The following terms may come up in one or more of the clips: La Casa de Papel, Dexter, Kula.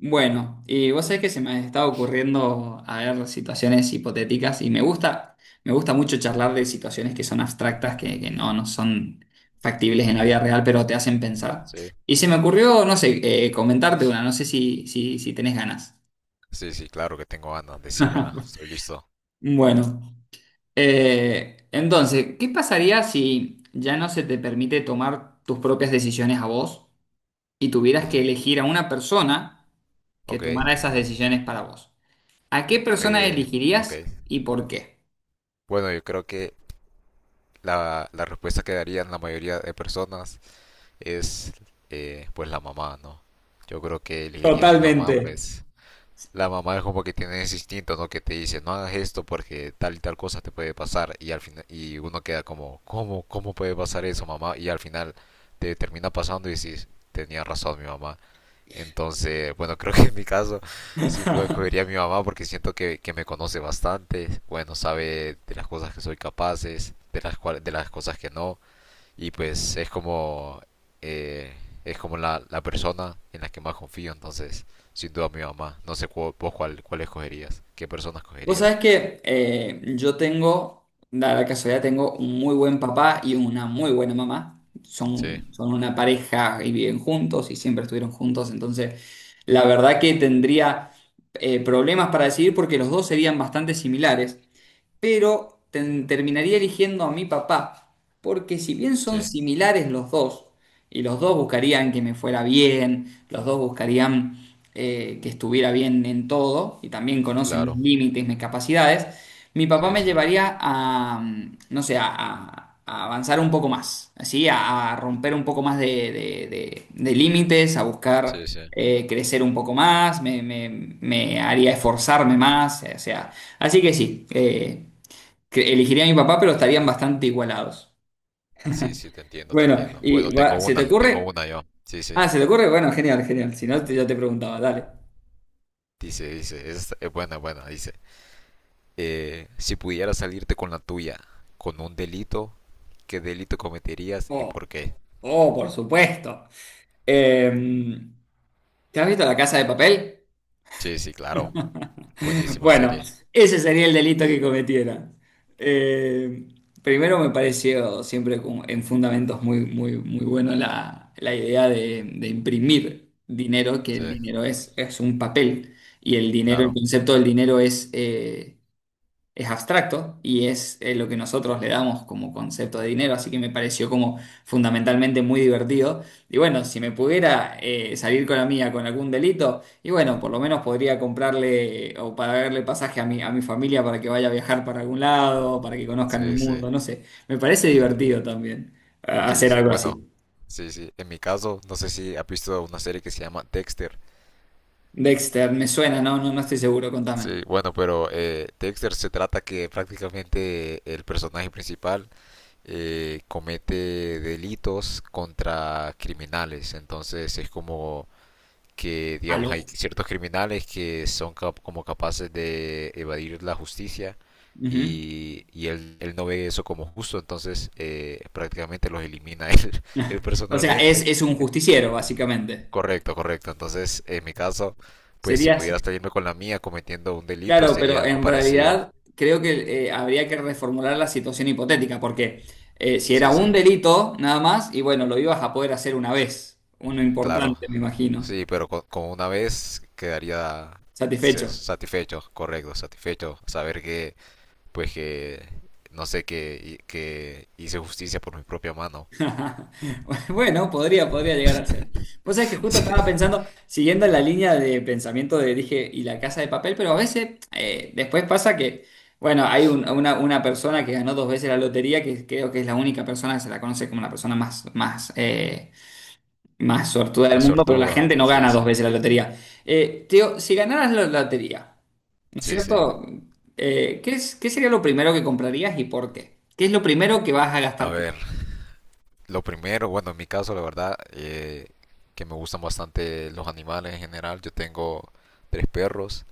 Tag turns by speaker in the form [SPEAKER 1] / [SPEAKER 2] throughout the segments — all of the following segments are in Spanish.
[SPEAKER 1] Bueno, y vos sabés que se me está ocurriendo a ver situaciones hipotéticas y me gusta mucho charlar de situaciones que son abstractas, que no son factibles en la vida real, pero te hacen pensar.
[SPEAKER 2] Sí,
[SPEAKER 1] Y se me ocurrió, no sé, comentarte una, no sé si tenés ganas.
[SPEAKER 2] sí, sí, claro que tengo ganas, decímela, estoy listo.
[SPEAKER 1] Bueno, entonces, ¿qué pasaría si ya no se te permite tomar tus propias decisiones a vos y tuvieras que
[SPEAKER 2] Ujú.
[SPEAKER 1] elegir a una persona que
[SPEAKER 2] Ok,
[SPEAKER 1] tomara esas decisiones para vos? ¿A qué persona
[SPEAKER 2] eh, ok.
[SPEAKER 1] elegirías y por qué?
[SPEAKER 2] Bueno, yo creo que la respuesta que darían la mayoría de personas es pues la mamá, ¿no? Yo creo que elegiría a mi mamá,
[SPEAKER 1] Totalmente.
[SPEAKER 2] pues la mamá es como que tiene ese instinto, ¿no? Que te dice, no hagas esto porque tal y tal cosa te puede pasar y al final, y uno queda como, ¿cómo, cómo puede pasar eso, mamá? Y al final te termina pasando y dices, tenía razón mi mamá. Entonces, bueno, creo que en mi caso, sin duda escogería a mi mamá porque siento que me conoce bastante, bueno, sabe de las cosas que soy capaces, de las de las cosas que no, y pues eh, es como la persona en la que más confío, entonces, sin duda mi mamá. No sé vos cuál escogerías, qué persona
[SPEAKER 1] Vos
[SPEAKER 2] escogerías.
[SPEAKER 1] sabés que yo tengo, da la casualidad, tengo un muy buen papá y una muy buena mamá.
[SPEAKER 2] Sí,
[SPEAKER 1] Son una pareja y viven juntos y siempre estuvieron juntos. Entonces, la verdad que tendría problemas para decidir porque los dos serían bastante similares. Pero terminaría eligiendo a mi papá, porque si bien son
[SPEAKER 2] sí,
[SPEAKER 1] similares los dos, y los dos buscarían que me fuera bien, los dos buscarían que estuviera bien en todo, y también conocen mis
[SPEAKER 2] claro.
[SPEAKER 1] límites, mis capacidades, mi papá
[SPEAKER 2] Sí,
[SPEAKER 1] me
[SPEAKER 2] sí,
[SPEAKER 1] llevaría a, no sé, a avanzar un poco más, así, a romper un poco más de límites, a buscar
[SPEAKER 2] sí, sí.
[SPEAKER 1] crecer un poco más, me haría esforzarme más, o sea, así que sí, que elegiría a mi papá, pero estarían bastante igualados.
[SPEAKER 2] Sí, sí, te entiendo, te
[SPEAKER 1] Bueno,
[SPEAKER 2] entiendo.
[SPEAKER 1] y
[SPEAKER 2] Bueno,
[SPEAKER 1] ¿se te
[SPEAKER 2] tengo
[SPEAKER 1] ocurre?
[SPEAKER 2] una yo. Sí, sí.
[SPEAKER 1] Ah, ¿se te ocurre? Bueno, genial, genial. Si no, yo te preguntaba, dale.
[SPEAKER 2] Dice, dice, es buena, buena, dice. Si pudieras salirte con la tuya, con un delito, ¿qué delito cometerías y
[SPEAKER 1] Oh,
[SPEAKER 2] por qué?
[SPEAKER 1] oh, por supuesto. Eh, ¿Te has visto La Casa de Papel?
[SPEAKER 2] Sí, sí, claro. Buenísima
[SPEAKER 1] Bueno,
[SPEAKER 2] serie.
[SPEAKER 1] ese sería el delito que cometiera. Eh, primero me pareció siempre como en fundamentos muy, muy, muy bueno la idea de imprimir dinero, que
[SPEAKER 2] Sí,
[SPEAKER 1] el dinero es un papel y el dinero, el
[SPEAKER 2] claro.
[SPEAKER 1] concepto del dinero es abstracto y es lo que nosotros le damos como concepto de dinero, así que me pareció como fundamentalmente muy divertido. Y bueno, si me pudiera salir con la mía con algún delito, y bueno, por lo menos podría comprarle o pagarle pasaje a a mi familia para que vaya a viajar para algún lado, para que conozcan el
[SPEAKER 2] Sí, sí.
[SPEAKER 1] mundo, no sé, me parece divertido también
[SPEAKER 2] Sí,
[SPEAKER 1] hacer
[SPEAKER 2] sí.
[SPEAKER 1] algo
[SPEAKER 2] Bueno,
[SPEAKER 1] así.
[SPEAKER 2] sí, sí. En mi caso, no sé si has visto una serie que se llama Dexter.
[SPEAKER 1] Dexter, me suena, no, no, no estoy seguro, contame.
[SPEAKER 2] Sí, bueno, pero Dexter se trata que prácticamente el personaje principal comete delitos contra criminales. Entonces es como que
[SPEAKER 1] Al
[SPEAKER 2] digamos hay
[SPEAKER 1] ojo.
[SPEAKER 2] ciertos criminales que son como capaces de evadir la justicia
[SPEAKER 1] Ujú.
[SPEAKER 2] y él no ve eso como justo, entonces prácticamente los elimina él
[SPEAKER 1] O sea,
[SPEAKER 2] personalmente.
[SPEAKER 1] es un
[SPEAKER 2] Eh,
[SPEAKER 1] justiciero, básicamente.
[SPEAKER 2] Correcto, correcto. Entonces, en mi caso, pues si
[SPEAKER 1] Serías.
[SPEAKER 2] pudiera salirme con la mía cometiendo un delito
[SPEAKER 1] Claro,
[SPEAKER 2] sería
[SPEAKER 1] pero
[SPEAKER 2] algo
[SPEAKER 1] en
[SPEAKER 2] parecido.
[SPEAKER 1] realidad creo que habría que reformular la situación hipotética, porque si era
[SPEAKER 2] Sí,
[SPEAKER 1] un
[SPEAKER 2] sí,
[SPEAKER 1] delito nada más, y bueno, lo ibas a poder hacer una vez, uno
[SPEAKER 2] claro.
[SPEAKER 1] importante, me imagino,
[SPEAKER 2] Sí, pero con una vez quedaría
[SPEAKER 1] satisfecho.
[SPEAKER 2] satisfecho, correcto, satisfecho, saber que pues que, no sé, que hice justicia por mi propia mano.
[SPEAKER 1] Bueno, podría llegar a ser. Vos sabés que justo estaba
[SPEAKER 2] Sí,
[SPEAKER 1] pensando, siguiendo la línea de pensamiento de dije, y la casa de papel, pero a veces después pasa que, bueno, hay una persona que ganó dos veces la lotería, que creo que es la única persona que se la conoce como la persona más, más más suertuda del
[SPEAKER 2] más
[SPEAKER 1] mundo, pero la
[SPEAKER 2] sortuda,
[SPEAKER 1] gente no
[SPEAKER 2] sí,
[SPEAKER 1] gana
[SPEAKER 2] sí,
[SPEAKER 1] dos veces la lotería. Teo, si ganaras la lotería, ¿no es
[SPEAKER 2] sí, sí.
[SPEAKER 1] cierto? ¿Qué qué sería lo primero que comprarías y por qué? ¿Qué es lo primero que vas a
[SPEAKER 2] A
[SPEAKER 1] gastar? ¿Plata?
[SPEAKER 2] ver, lo primero, bueno, en mi caso, la verdad, que me gustan bastante los animales en general. Yo tengo tres perros.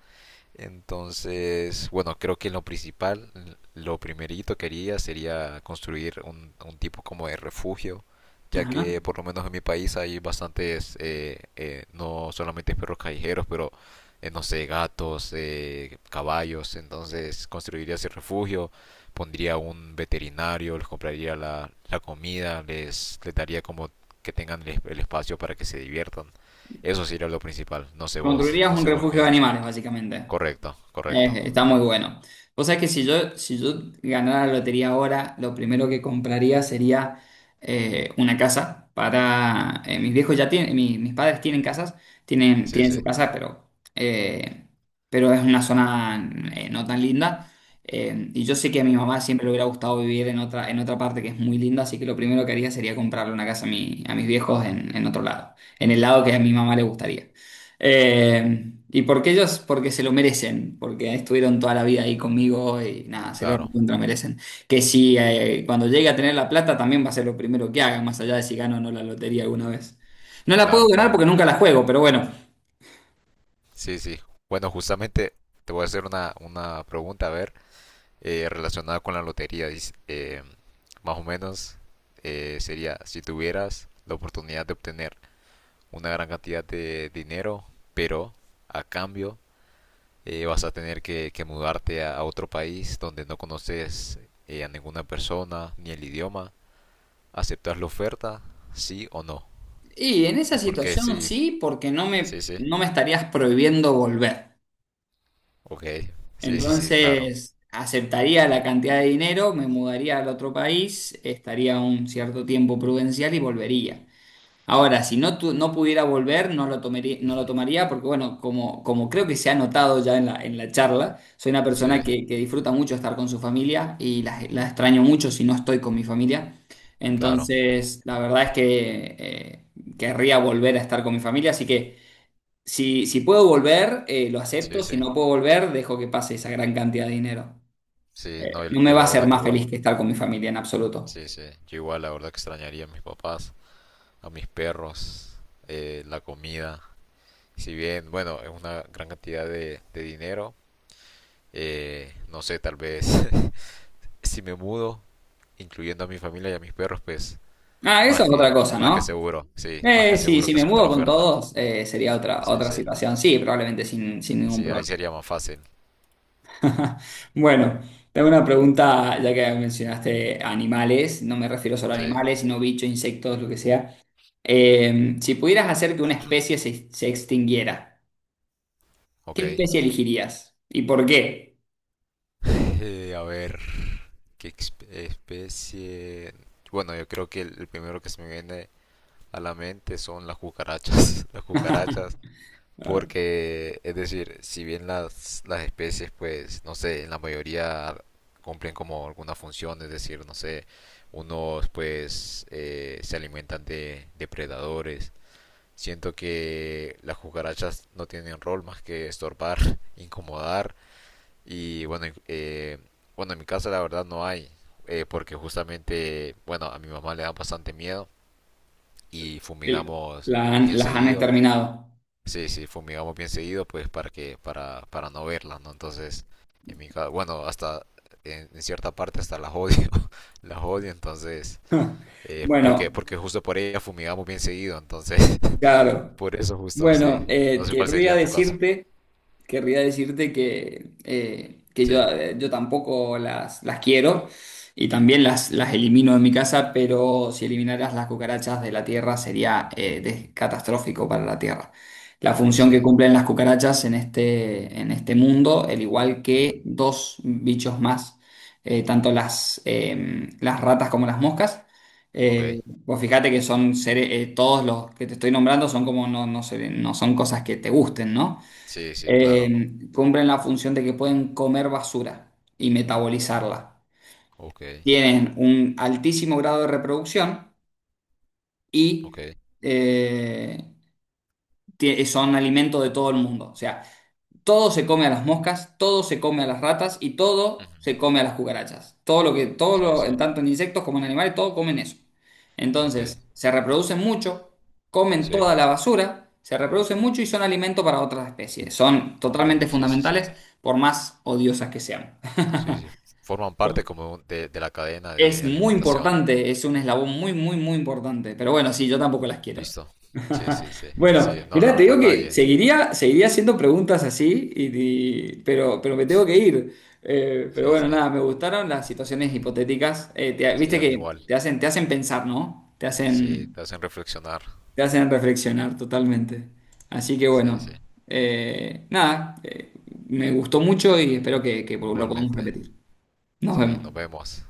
[SPEAKER 2] Entonces, bueno, creo que lo principal, lo primerito que haría sería construir un tipo como de refugio, ya que
[SPEAKER 1] Ajá.
[SPEAKER 2] por lo menos en mi país hay bastantes, no solamente perros callejeros, pero no sé, gatos, caballos. Entonces construiría ese refugio, pondría un veterinario, les compraría la comida, les daría como que tengan el espacio para que se diviertan. Eso sería lo principal. No sé vos,
[SPEAKER 1] Construirías
[SPEAKER 2] no
[SPEAKER 1] un
[SPEAKER 2] sé vos
[SPEAKER 1] refugio de
[SPEAKER 2] qué.
[SPEAKER 1] animales, básicamente.
[SPEAKER 2] Correcto, correcto.
[SPEAKER 1] Está muy bueno. Vos sabés que si yo ganara la lotería ahora, lo primero que compraría sería una casa para... mis viejos ya tienen, mis padres tienen casas,
[SPEAKER 2] Sí,
[SPEAKER 1] tienen
[SPEAKER 2] sí,
[SPEAKER 1] su casa, eh, pero es una zona no tan linda. Y yo sé que a mi mamá siempre le hubiera gustado vivir en otra parte que es muy linda, así que lo primero que haría sería comprarle una casa a, a mis viejos en otro lado, en el lado que a mi mamá le gustaría. Y porque ellos, porque se lo merecen, porque estuvieron toda la vida ahí conmigo y nada, se lo
[SPEAKER 2] claro,
[SPEAKER 1] recontra merecen. Que si cuando llegue a tener la plata también va a ser lo primero que haga, más allá de si gano o no la lotería alguna vez. No la puedo
[SPEAKER 2] claro,
[SPEAKER 1] ganar
[SPEAKER 2] claro.
[SPEAKER 1] porque nunca la juego, pero bueno.
[SPEAKER 2] Sí, sí. Bueno, justamente te voy a hacer una pregunta, a ver, relacionada con la lotería. Dice, más o menos sería, si tuvieras la oportunidad de obtener una gran cantidad de dinero, pero a cambio vas a tener que mudarte a otro país donde no conoces a ninguna persona ni el idioma, ¿aceptas la oferta? ¿Sí o no?
[SPEAKER 1] Y en esa
[SPEAKER 2] ¿Y por qué
[SPEAKER 1] situación
[SPEAKER 2] sí?
[SPEAKER 1] sí, porque
[SPEAKER 2] Sí, sí.
[SPEAKER 1] no me estarías prohibiendo volver.
[SPEAKER 2] Ok, sí, sí, sí, claro.
[SPEAKER 1] Entonces aceptaría la cantidad de dinero, me mudaría al otro país, estaría un cierto tiempo prudencial y volvería. Ahora, si no, no pudiera volver, no lo tomaría, no lo
[SPEAKER 2] Ujú.
[SPEAKER 1] tomaría porque, bueno, como creo que se ha notado ya en en la charla, soy una persona
[SPEAKER 2] Sí,
[SPEAKER 1] que disfruta mucho estar con su familia y la extraño mucho si no estoy con mi familia.
[SPEAKER 2] claro.
[SPEAKER 1] Entonces, la verdad es que querría volver a estar con mi familia, así que si puedo volver, lo acepto,
[SPEAKER 2] Sí, sí.
[SPEAKER 1] si no puedo volver, dejo que pase esa gran cantidad de dinero.
[SPEAKER 2] Sí, no, yo
[SPEAKER 1] No me
[SPEAKER 2] yo
[SPEAKER 1] va a
[SPEAKER 2] la
[SPEAKER 1] hacer
[SPEAKER 2] verdad que
[SPEAKER 1] más
[SPEAKER 2] igual.
[SPEAKER 1] feliz que estar con mi familia en absoluto.
[SPEAKER 2] Sí, sí. Yo igual la verdad que extrañaría a mis papás, a mis perros, la comida. Si bien, bueno, es una gran cantidad de dinero, no sé, tal vez si me mudo, incluyendo a mi familia y a mis perros, pues
[SPEAKER 1] Ah, eso es otra cosa,
[SPEAKER 2] más que
[SPEAKER 1] ¿no?
[SPEAKER 2] seguro, sí, más que
[SPEAKER 1] Sí,
[SPEAKER 2] seguro
[SPEAKER 1] si
[SPEAKER 2] que
[SPEAKER 1] me
[SPEAKER 2] acepto
[SPEAKER 1] mudo
[SPEAKER 2] la
[SPEAKER 1] con
[SPEAKER 2] oferta.
[SPEAKER 1] todos, sería otra,
[SPEAKER 2] Sí,
[SPEAKER 1] otra
[SPEAKER 2] sí.
[SPEAKER 1] situación. Sí, probablemente sin ningún
[SPEAKER 2] Sí, ahí
[SPEAKER 1] problema.
[SPEAKER 2] sería más fácil.
[SPEAKER 1] Bueno, tengo una pregunta, ya que mencionaste animales, no me refiero solo a
[SPEAKER 2] Sí,
[SPEAKER 1] animales, sino bichos, insectos, lo que sea. Si pudieras hacer que una especie se extinguiera,
[SPEAKER 2] ok.
[SPEAKER 1] ¿qué especie elegirías? ¿Y por qué?
[SPEAKER 2] A ver. ¿Qué especie? Bueno, yo creo que el primero que se me viene a la mente son las cucarachas. Las cucarachas, porque, es decir, si bien las especies, pues, no sé, en la mayoría cumplen como alguna función, es decir, no sé, unos pues se alimentan de depredadores. Siento que las cucarachas no tienen rol más que estorbar, incomodar y bueno, bueno, en mi casa la verdad no hay, porque justamente, bueno, a mi mamá le da bastante miedo y fumigamos bien
[SPEAKER 1] Las han
[SPEAKER 2] seguido.
[SPEAKER 1] exterminado.
[SPEAKER 2] Sí, sí, fumigamos bien seguido, pues para que, para no verla, ¿no? Entonces, en mi casa, bueno, hasta en cierta parte hasta las odio, las odio, entonces, porque,
[SPEAKER 1] Bueno,
[SPEAKER 2] porque justo por ella fumigamos bien seguido, entonces,
[SPEAKER 1] claro.
[SPEAKER 2] por eso justo, sí.
[SPEAKER 1] Bueno,
[SPEAKER 2] No sé cuál sería
[SPEAKER 1] querría
[SPEAKER 2] en tu caso.
[SPEAKER 1] decirte... Querría decirte que,
[SPEAKER 2] Sí,
[SPEAKER 1] yo tampoco las quiero y también las elimino de mi casa, pero si eliminaras las cucarachas de la tierra sería catastrófico para la tierra. La función que
[SPEAKER 2] sí.
[SPEAKER 1] cumplen las cucarachas en este mundo, al igual
[SPEAKER 2] Ujú.
[SPEAKER 1] que dos bichos más, tanto las ratas como las moscas.
[SPEAKER 2] Ok.
[SPEAKER 1] Vos fíjate que son seres, todos los que te estoy nombrando son como no, no son cosas que te gusten, ¿no?
[SPEAKER 2] Sí, sí, claro.
[SPEAKER 1] Eh, cumplen la función de que pueden comer basura y metabolizarla.
[SPEAKER 2] Ok,
[SPEAKER 1] Tienen un altísimo grado de reproducción y
[SPEAKER 2] ok.
[SPEAKER 1] eh, son alimento de todo el mundo. O sea, todo se come a las moscas, todo se come a las ratas y todo
[SPEAKER 2] Ujú,
[SPEAKER 1] se come a las cucarachas. Todo lo que, todo
[SPEAKER 2] sí,
[SPEAKER 1] lo,
[SPEAKER 2] sí,
[SPEAKER 1] en tanto en insectos como en animales, todo comen eso.
[SPEAKER 2] ok,
[SPEAKER 1] Entonces, se reproducen mucho, comen
[SPEAKER 2] sí,
[SPEAKER 1] toda la basura, se reproducen mucho y son alimento para otras especies. Son
[SPEAKER 2] ok,
[SPEAKER 1] totalmente
[SPEAKER 2] sí, sí, sí,
[SPEAKER 1] fundamentales por más odiosas que sean.
[SPEAKER 2] sí, sí, forman parte como de la cadena
[SPEAKER 1] Es
[SPEAKER 2] de
[SPEAKER 1] muy
[SPEAKER 2] alimentación,
[SPEAKER 1] importante, es un eslabón muy, muy, muy importante. Pero bueno, sí, yo tampoco las quiero.
[SPEAKER 2] listo, sí, sí, sí,
[SPEAKER 1] Bueno,
[SPEAKER 2] sí, no,
[SPEAKER 1] mirá,
[SPEAKER 2] la
[SPEAKER 1] te digo
[SPEAKER 2] verdad
[SPEAKER 1] que
[SPEAKER 2] nadie,
[SPEAKER 1] seguiría, seguiría haciendo preguntas así, pero me tengo que ir. Pero
[SPEAKER 2] sí,
[SPEAKER 1] bueno,
[SPEAKER 2] sí,
[SPEAKER 1] nada, me gustaron las situaciones hipotéticas.
[SPEAKER 2] sí,
[SPEAKER 1] Viste
[SPEAKER 2] a mí
[SPEAKER 1] que
[SPEAKER 2] igual,
[SPEAKER 1] te hacen pensar, ¿no?
[SPEAKER 2] sí, te hacen reflexionar,
[SPEAKER 1] Te hacen reflexionar totalmente. Así que
[SPEAKER 2] sí,
[SPEAKER 1] bueno,
[SPEAKER 2] sí,
[SPEAKER 1] nada, me gustó mucho y espero que lo podamos
[SPEAKER 2] igualmente,
[SPEAKER 1] repetir. Nos
[SPEAKER 2] sí, nos
[SPEAKER 1] vemos.
[SPEAKER 2] vemos.